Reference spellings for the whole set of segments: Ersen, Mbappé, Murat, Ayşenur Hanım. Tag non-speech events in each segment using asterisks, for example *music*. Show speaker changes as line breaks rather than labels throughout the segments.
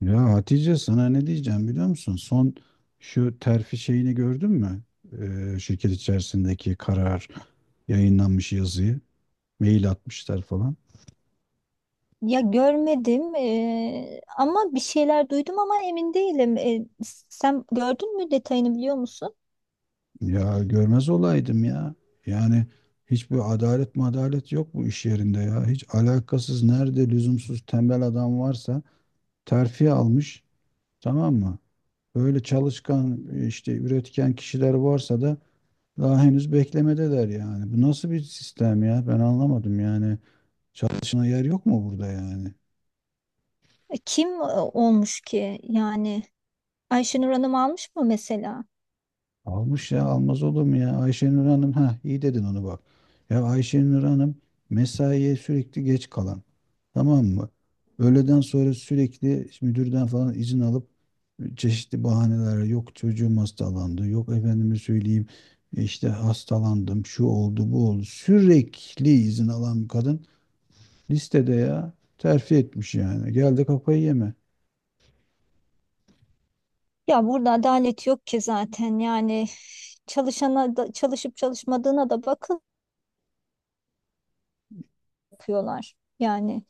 Ya Hatice sana ne diyeceğim biliyor musun? Son şu terfi şeyini gördün mü? Şirket içerisindeki karar yayınlanmış yazıyı. Mail atmışlar falan.
Ya görmedim ama bir şeyler duydum ama emin değilim. Sen gördün mü, detayını biliyor musun?
Ya görmez olaydım ya. Yani hiçbir adalet madalet yok bu iş yerinde ya. Hiç alakasız nerede lüzumsuz tembel adam varsa terfi almış, tamam mı? Böyle çalışkan işte üretken kişiler varsa da daha henüz beklemedeler yani. Bu nasıl bir sistem ya? Ben anlamadım yani. Çalışına yer yok mu burada yani?
Kim olmuş ki yani? Ayşenur Hanım almış mı mesela?
Almış, ya almaz olur mu ya? Ayşenur Hanım, ha iyi dedin onu bak. Ya Ayşenur Hanım mesaiye sürekli geç kalan. Tamam mı? Öğleden sonra sürekli müdürden falan izin alıp çeşitli bahaneler, yok çocuğum hastalandı, yok efendime söyleyeyim işte hastalandım, şu oldu bu oldu, sürekli izin alan bir kadın listede ya terfi etmiş yani, geldi kafayı yeme
Ya burada adalet yok ki zaten yani, çalışana da, çalışıp çalışmadığına da bakın yapıyorlar. Yani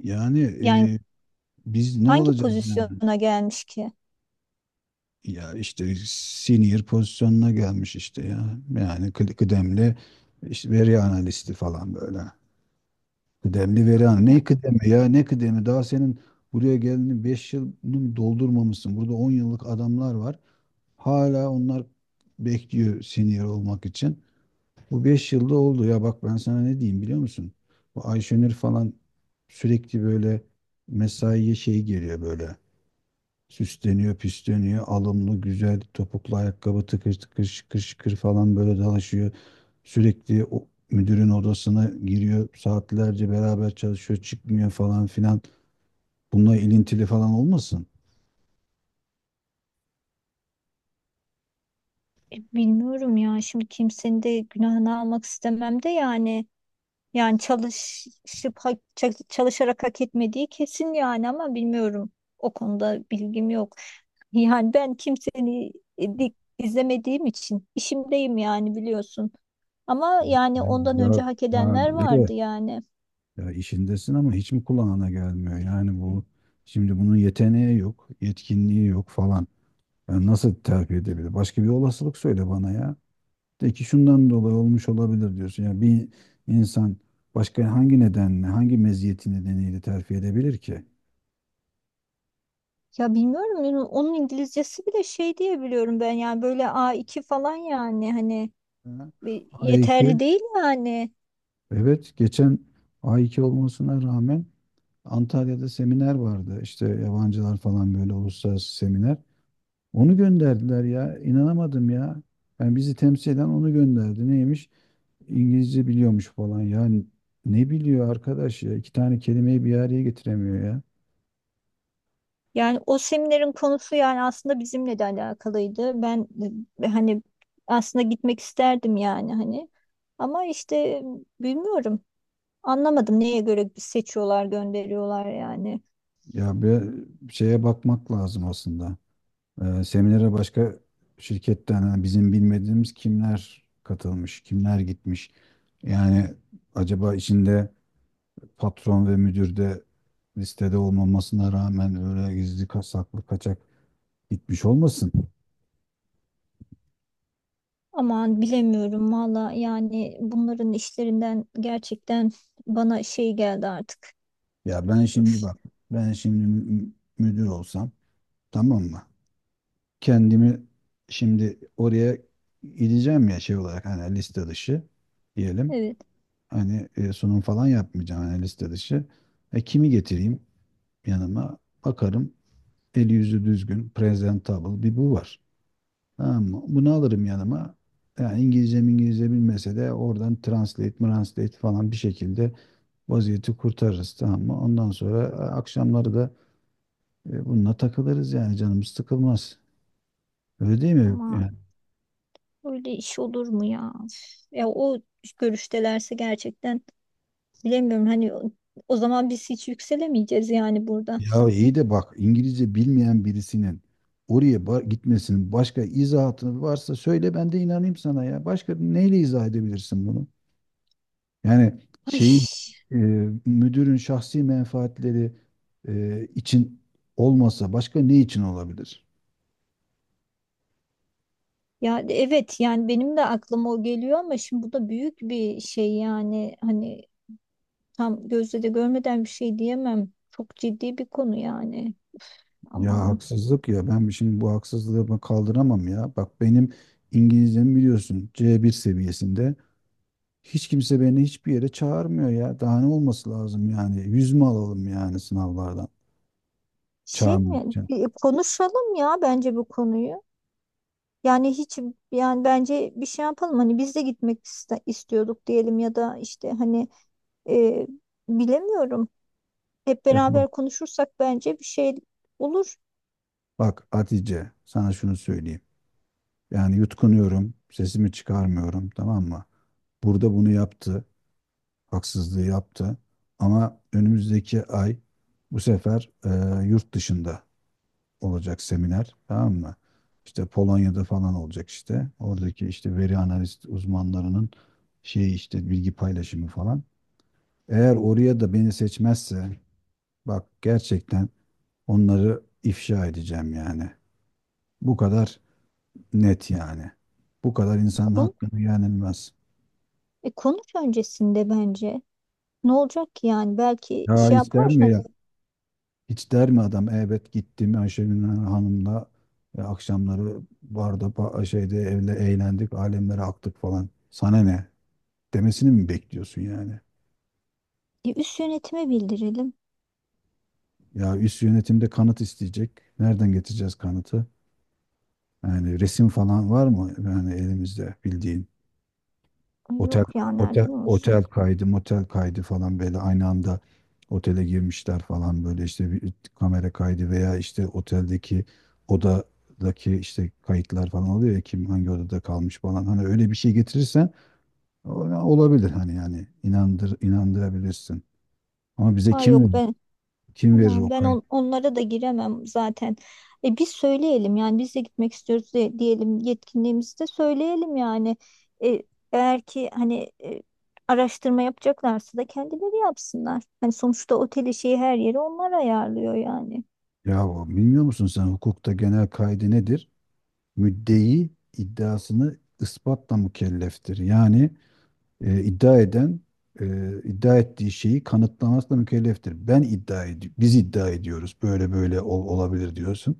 yani.
yani
e, Biz ne
hangi
olacağız?
pozisyona gelmiş ki?
Ya işte senior pozisyonuna gelmiş işte ya. Yani kıdemli işte, veri analisti falan böyle. Kıdemli veri analisti.
Ya
Ne kıdemi ya, ne kıdemi? Daha senin buraya geldiğini 5 yılını mı doldurmamışsın. Burada 10 yıllık adamlar var. Hala onlar bekliyor senior olmak için. Bu 5 yılda oldu. Ya bak, ben sana ne diyeyim biliyor musun? Bu Ayşenur falan sürekli böyle mesaiye şey geliyor böyle. Süsleniyor, püsleniyor. Alımlı, güzel topuklu ayakkabı tıkır tıkır şıkır şıkır falan böyle dalaşıyor. Sürekli o müdürün odasına giriyor. Saatlerce beraber çalışıyor, çıkmıyor falan filan. Bununla ilintili falan olmasın?
bilmiyorum ya, şimdi kimsenin de günahını almak istemem de yani. Yani çalışıp çalışarak hak etmediği kesin yani, ama bilmiyorum. O konuda bilgim yok. Yani ben kimseni izlemediğim için, işimdeyim yani, biliyorsun. Ama yani ondan
Ya,
önce hak
ha,
edenler
iyi de.
vardı yani.
Ya işindesin ama hiç mi kulağına gelmiyor? Yani bu şimdi, bunun yeteneği yok, yetkinliği yok falan. Yani nasıl terfi edebilir? Başka bir olasılık söyle bana ya. De ki şundan dolayı olmuş olabilir diyorsun. Yani bir insan başka hangi nedenle, hangi meziyeti nedeniyle terfi edebilir ki?
Ya bilmiyorum yani, onun İngilizcesi bile şey diye biliyorum ben, yani böyle A2 falan, yani hani
Hı.
e, yeterli
A2.
değil yani.
Evet, geçen A2 olmasına rağmen Antalya'da seminer vardı. İşte yabancılar falan böyle, uluslararası seminer. Onu gönderdiler ya. İnanamadım ya. Yani bizi temsil eden onu gönderdi. Neymiş? İngilizce biliyormuş falan. Yani ne biliyor arkadaş ya? İki tane kelimeyi bir araya getiremiyor ya.
Yani o seminerin konusu, yani aslında bizimle de alakalıydı. Ben hani aslında gitmek isterdim yani, hani. Ama işte bilmiyorum. Anlamadım neye göre seçiyorlar, gönderiyorlar yani.
Ya bir şeye bakmak lazım aslında. Seminere başka şirketten hani bizim bilmediğimiz kimler katılmış, kimler gitmiş. Yani acaba içinde patron ve müdür de, listede olmamasına rağmen, öyle gizli saklı kaçak gitmiş olmasın?
Aman bilemiyorum valla yani, bunların işlerinden gerçekten bana şey geldi artık.
Ya ben şimdi
Öf,
bak, ben şimdi müdür olsam, tamam mı? Kendimi şimdi oraya gideceğim ya şey olarak, hani liste dışı diyelim.
evet
Hani sunum falan yapmayacağım, hani liste dışı. Kimi getireyim yanıma? Bakarım eli yüzü düzgün, presentable bir bu var. Tamam mı? Bunu alırım yanıma. Yani İngilizce bilmese de oradan translate falan, bir şekilde vaziyeti kurtarırız, tamam mı? Ondan sonra akşamları da bununla takılırız yani, canımız sıkılmaz. Öyle değil mi?
ama
Yani,
öyle iş olur mu ya? Üf, ya o görüştelerse gerçekten bilemiyorum, hani o zaman biz hiç yükselemeyeceğiz yani burada.
ya iyi de bak, İngilizce bilmeyen birisinin oraya gitmesinin başka izahatı varsa söyle, ben de inanayım sana ya. Başka neyle izah edebilirsin bunu? Yani
Ay,
şeyin, e, müdürün şahsi menfaatleri için olmasa başka ne için olabilir?
ya evet yani, benim de aklıma o geliyor, ama şimdi bu da büyük bir şey yani, hani tam gözle de görmeden bir şey diyemem. Çok ciddi bir konu yani.
Ya
Aman,
haksızlık ya, ben şimdi bu haksızlığı ben kaldıramam ya. Bak benim İngilizcem biliyorsun C1 seviyesinde. Hiç kimse beni hiçbir yere çağırmıyor ya. Daha ne olması lazım yani? Yüz mü alalım yani sınavlardan?
şey mi?
Çağırmayacağım.
Bir konuşalım ya, bence bu konuyu. Yani hiç, yani bence bir şey yapalım, hani biz de gitmek istiyorduk diyelim, ya da işte hani e, bilemiyorum. Hep
Ya bak,
beraber konuşursak bence bir şey olur.
bak Hatice, sana şunu söyleyeyim. Yani yutkunuyorum, sesimi çıkarmıyorum, tamam mı? Burada bunu yaptı, haksızlığı yaptı. Ama önümüzdeki ay bu sefer yurt dışında olacak seminer, tamam mı? İşte Polonya'da falan olacak işte. Oradaki işte veri analist uzmanlarının şeyi, işte bilgi paylaşımı falan. Eğer oraya da beni seçmezse, bak gerçekten onları ifşa edeceğim yani. Bu kadar net yani. Bu kadar insanın
Kon-
hakkını yenilmez.
konuş öncesinde bence. Ne olacak ki yani? Belki
Ya
şey
hiç der
yapar.
mi
Hani
ya? Hiç der mi adam? Evet gittim Ayşegül Hanım'la akşamları barda, şeyde evle eğlendik, alemlere aktık falan. Sana ne? Demesini mi bekliyorsun yani?
üst yönetime bildirelim.
Ya üst yönetimde kanıt isteyecek. Nereden getireceğiz kanıtı? Yani resim falan var mı yani elimizde bildiğin?
Ay,
Otel
yok ya, nereden olsun?
Otel kaydı, motel kaydı falan, böyle aynı anda otele girmişler falan, böyle işte bir kamera kaydı veya işte oteldeki odadaki işte kayıtlar falan oluyor ya, kim hangi odada kalmış falan, hani öyle bir şey getirirsen o- olabilir, hani yani inandırabilirsin. Ama bize
Ay
kim
yok,
verir?
ben
Kim verir o
aman, ben
kayıt?
onlara da giremem zaten. Biz söyleyelim yani, biz de gitmek istiyoruz de, diyelim, yetkinliğimizi de söyleyelim yani. E, eğer ki hani araştırma yapacaklarsa da kendileri yapsınlar. Hani sonuçta oteli, şeyi, her yeri onlar ayarlıyor yani.
Ya bilmiyor musun sen hukukta genel kaydı nedir? Müddei iddiasını ispatla mükelleftir. Yani iddia eden e, iddia ettiği şeyi kanıtlamakla mükelleftir. Ben iddia ediyorum, biz iddia ediyoruz. Böyle böyle olabilir diyorsun.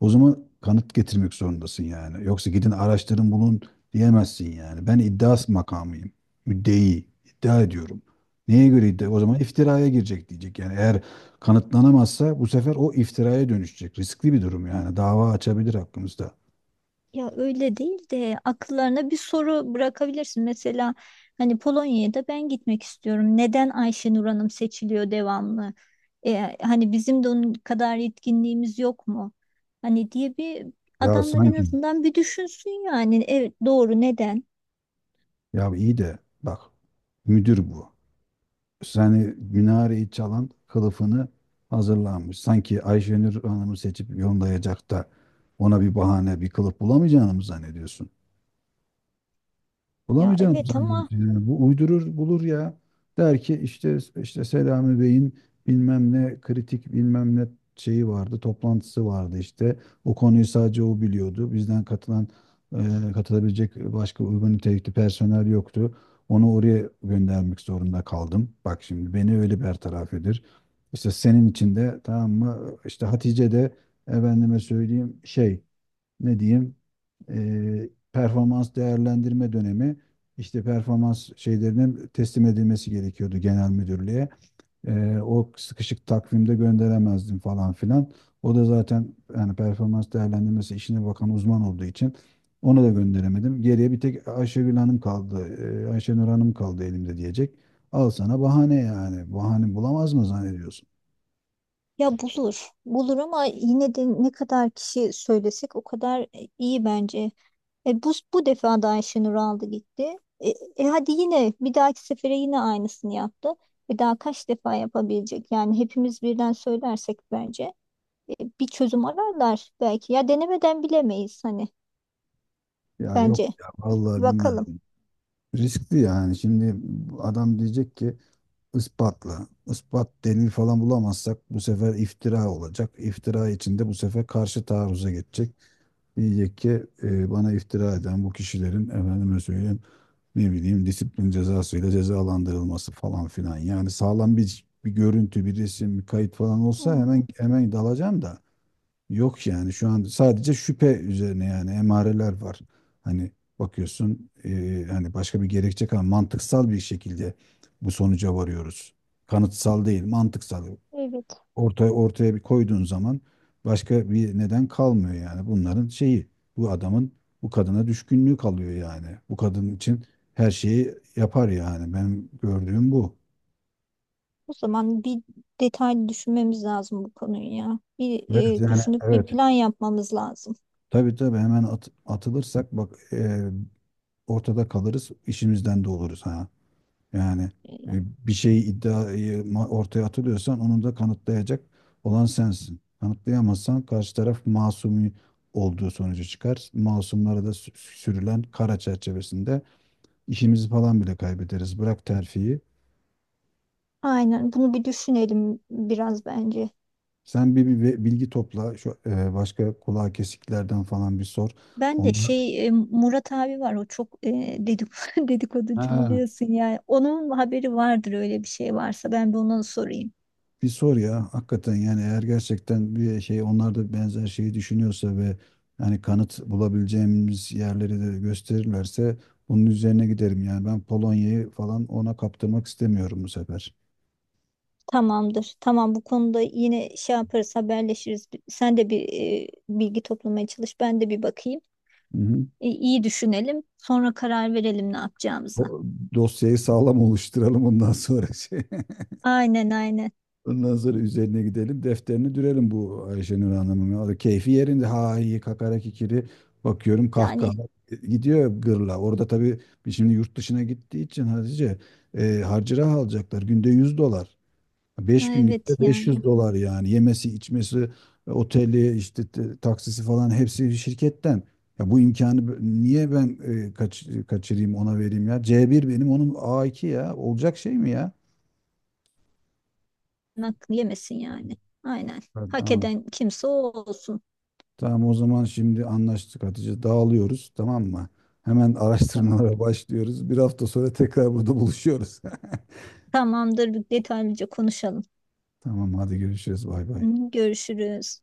O zaman kanıt getirmek zorundasın yani. Yoksa gidin araştırın bulun diyemezsin yani. Ben iddia makamıyım. Müddei iddia ediyorum. Neye göre iddia? O zaman iftiraya girecek, diyecek. Yani eğer kanıtlanamazsa, bu sefer o iftiraya dönüşecek. Riskli bir durum yani. Dava açabilir hakkımızda.
Ya öyle değil de, akıllarına bir soru bırakabilirsin. Mesela, hani Polonya'ya da ben gitmek istiyorum. Neden Ayşenur Hanım seçiliyor devamlı? Hani bizim de onun kadar yetkinliğimiz yok mu? Hani diye bir,
Ya
adamlar en
sanki,
azından bir düşünsün yani. Evet, doğru, neden?
ya iyi de bak, müdür bu. Yani minareyi çalan kılıfını hazırlanmış. Sanki Ayşenur Hanım'ı seçip yollayacak da ona bir bahane, bir kılıf bulamayacağını mı zannediyorsun?
Ya
Bulamayacağını mı
evet
zannediyorsun
ama,
yani? Bu uydurur bulur ya. Der ki, işte Selami Bey'in bilmem ne kritik bilmem ne şeyi vardı, toplantısı vardı işte. O konuyu sadece o biliyordu. Bizden katılan, katılabilecek başka uygun nitelikli personel yoktu. Onu oraya göndermek zorunda kaldım. Bak şimdi beni öyle bertaraf edir. İşte senin için de, tamam mı? İşte Hatice de efendime söyleyeyim şey, ne diyeyim, performans değerlendirme dönemi, işte performans şeylerinin teslim edilmesi gerekiyordu genel müdürlüğe. O sıkışık takvimde gönderemezdim falan filan. O da zaten yani performans değerlendirmesi işine bakan uzman olduğu için ona da gönderemedim. Geriye bir tek Ayşegül Hanım kaldı. Ayşenur Hanım kaldı elimde, diyecek. Al sana bahane yani. Bahane bulamaz mı zannediyorsun?
ya bulur. Bulur ama yine de ne kadar kişi söylesek o kadar iyi bence. Bu defa da Ayşenur aldı gitti. Hadi yine, bir dahaki sefere yine aynısını yaptı. Bir daha kaç defa yapabilecek? Yani hepimiz birden söylersek bence e, bir çözüm ararlar belki. Ya denemeden bilemeyiz hani,
Ya yok
bence.
ya, vallahi
Bir
bilmem.
bakalım.
Riskli yani. Şimdi adam diyecek ki ispatla. Ispat delil falan bulamazsak bu sefer iftira olacak. İftira içinde bu sefer karşı taarruza geçecek. Diyecek ki bana iftira eden bu kişilerin efendime söyleyeyim ne bileyim, disiplin cezasıyla cezalandırılması falan filan. Yani sağlam bir görüntü, bir resim, bir kayıt falan olsa
Hmm,
hemen hemen dalacağım da. Yok yani, şu an sadece şüphe üzerine, yani emareler var. Hani bakıyorsun, hani başka bir gerekçe kalmadı. Mantıksal bir şekilde bu sonuca varıyoruz. Kanıtsal değil, mantıksal.
evet.
Ortaya bir koyduğun zaman başka bir neden kalmıyor yani. Bunların şeyi, bu adamın bu kadına düşkünlüğü kalıyor yani. Bu kadın için her şeyi yapar yani. Benim gördüğüm bu.
O zaman bir detaylı düşünmemiz lazım bu konuyu ya. Bir
Evet yani,
düşünüp bir
evet.
plan yapmamız lazım.
Tabii tabii, hemen atılırsak bak ortada kalırız, işimizden de oluruz ha. Yani e,
E,
bir şeyi, ortaya atılıyorsan onu da kanıtlayacak olan sensin. Kanıtlayamazsan karşı taraf masumi olduğu sonucu çıkar. Masumlara da sürülen kara çerçevesinde işimizi falan bile kaybederiz. Bırak terfiyi.
Aynen, bunu bir düşünelim biraz bence.
Sen bir, bilgi topla. Şu başka kulağa kesiklerden falan bir sor.
Ben de
Onlar,
şey, Murat abi var, o çok e, dedik *laughs* dedikoducu
ha,
biliyorsun yani. Onun haberi vardır, öyle bir şey varsa ben bir ona sorayım.
bir sor ya, hakikaten yani eğer gerçekten bir şey, onlar da benzer şeyi düşünüyorsa ve yani kanıt bulabileceğimiz yerleri de gösterirlerse bunun üzerine giderim. Yani ben Polonya'yı falan ona kaptırmak istemiyorum bu sefer.
Tamamdır. Tamam, bu konuda yine şey yaparız, haberleşiriz. Sen de bir bilgi toplamaya çalış, ben de bir bakayım.
Hı hı.
E, iyi düşünelim, sonra karar verelim ne yapacağımıza.
O dosyayı sağlam oluşturalım, ondan sonra *laughs*
Aynen, aynen.
ondan sonra üzerine gidelim. Defterini dürelim bu Ayşenur Hanım'ın. O da keyfi yerinde. Ha iyi, kakara kikiri. Bakıyorum kahkaha
Yani
gidiyor gırla. Orada tabii biz şimdi yurt dışına gittiği için Hatice, harcırah alacaklar. Günde 100 dolar. 5 gün
evet
gitse beş
yani.
yüz dolar yani. Yemesi, içmesi, oteli, işte taksisi falan, hepsi şirketten. Ya bu imkanı niye ben kaçırayım, ona vereyim ya? C1 benim, onun A2 ya. Olacak şey mi ya?
Hakkı yemesin yani. Aynen. Hak
Evet.
eden kimse o olsun.
Tamam o zaman, şimdi anlaştık Hatice. Dağılıyoruz, tamam mı? Hemen *laughs*
Tamam.
araştırmalara başlıyoruz. 1 hafta sonra tekrar burada buluşuyoruz.
Tamamdır, detaylıca konuşalım.
*laughs* Tamam hadi, görüşürüz. Bay bay.
Görüşürüz.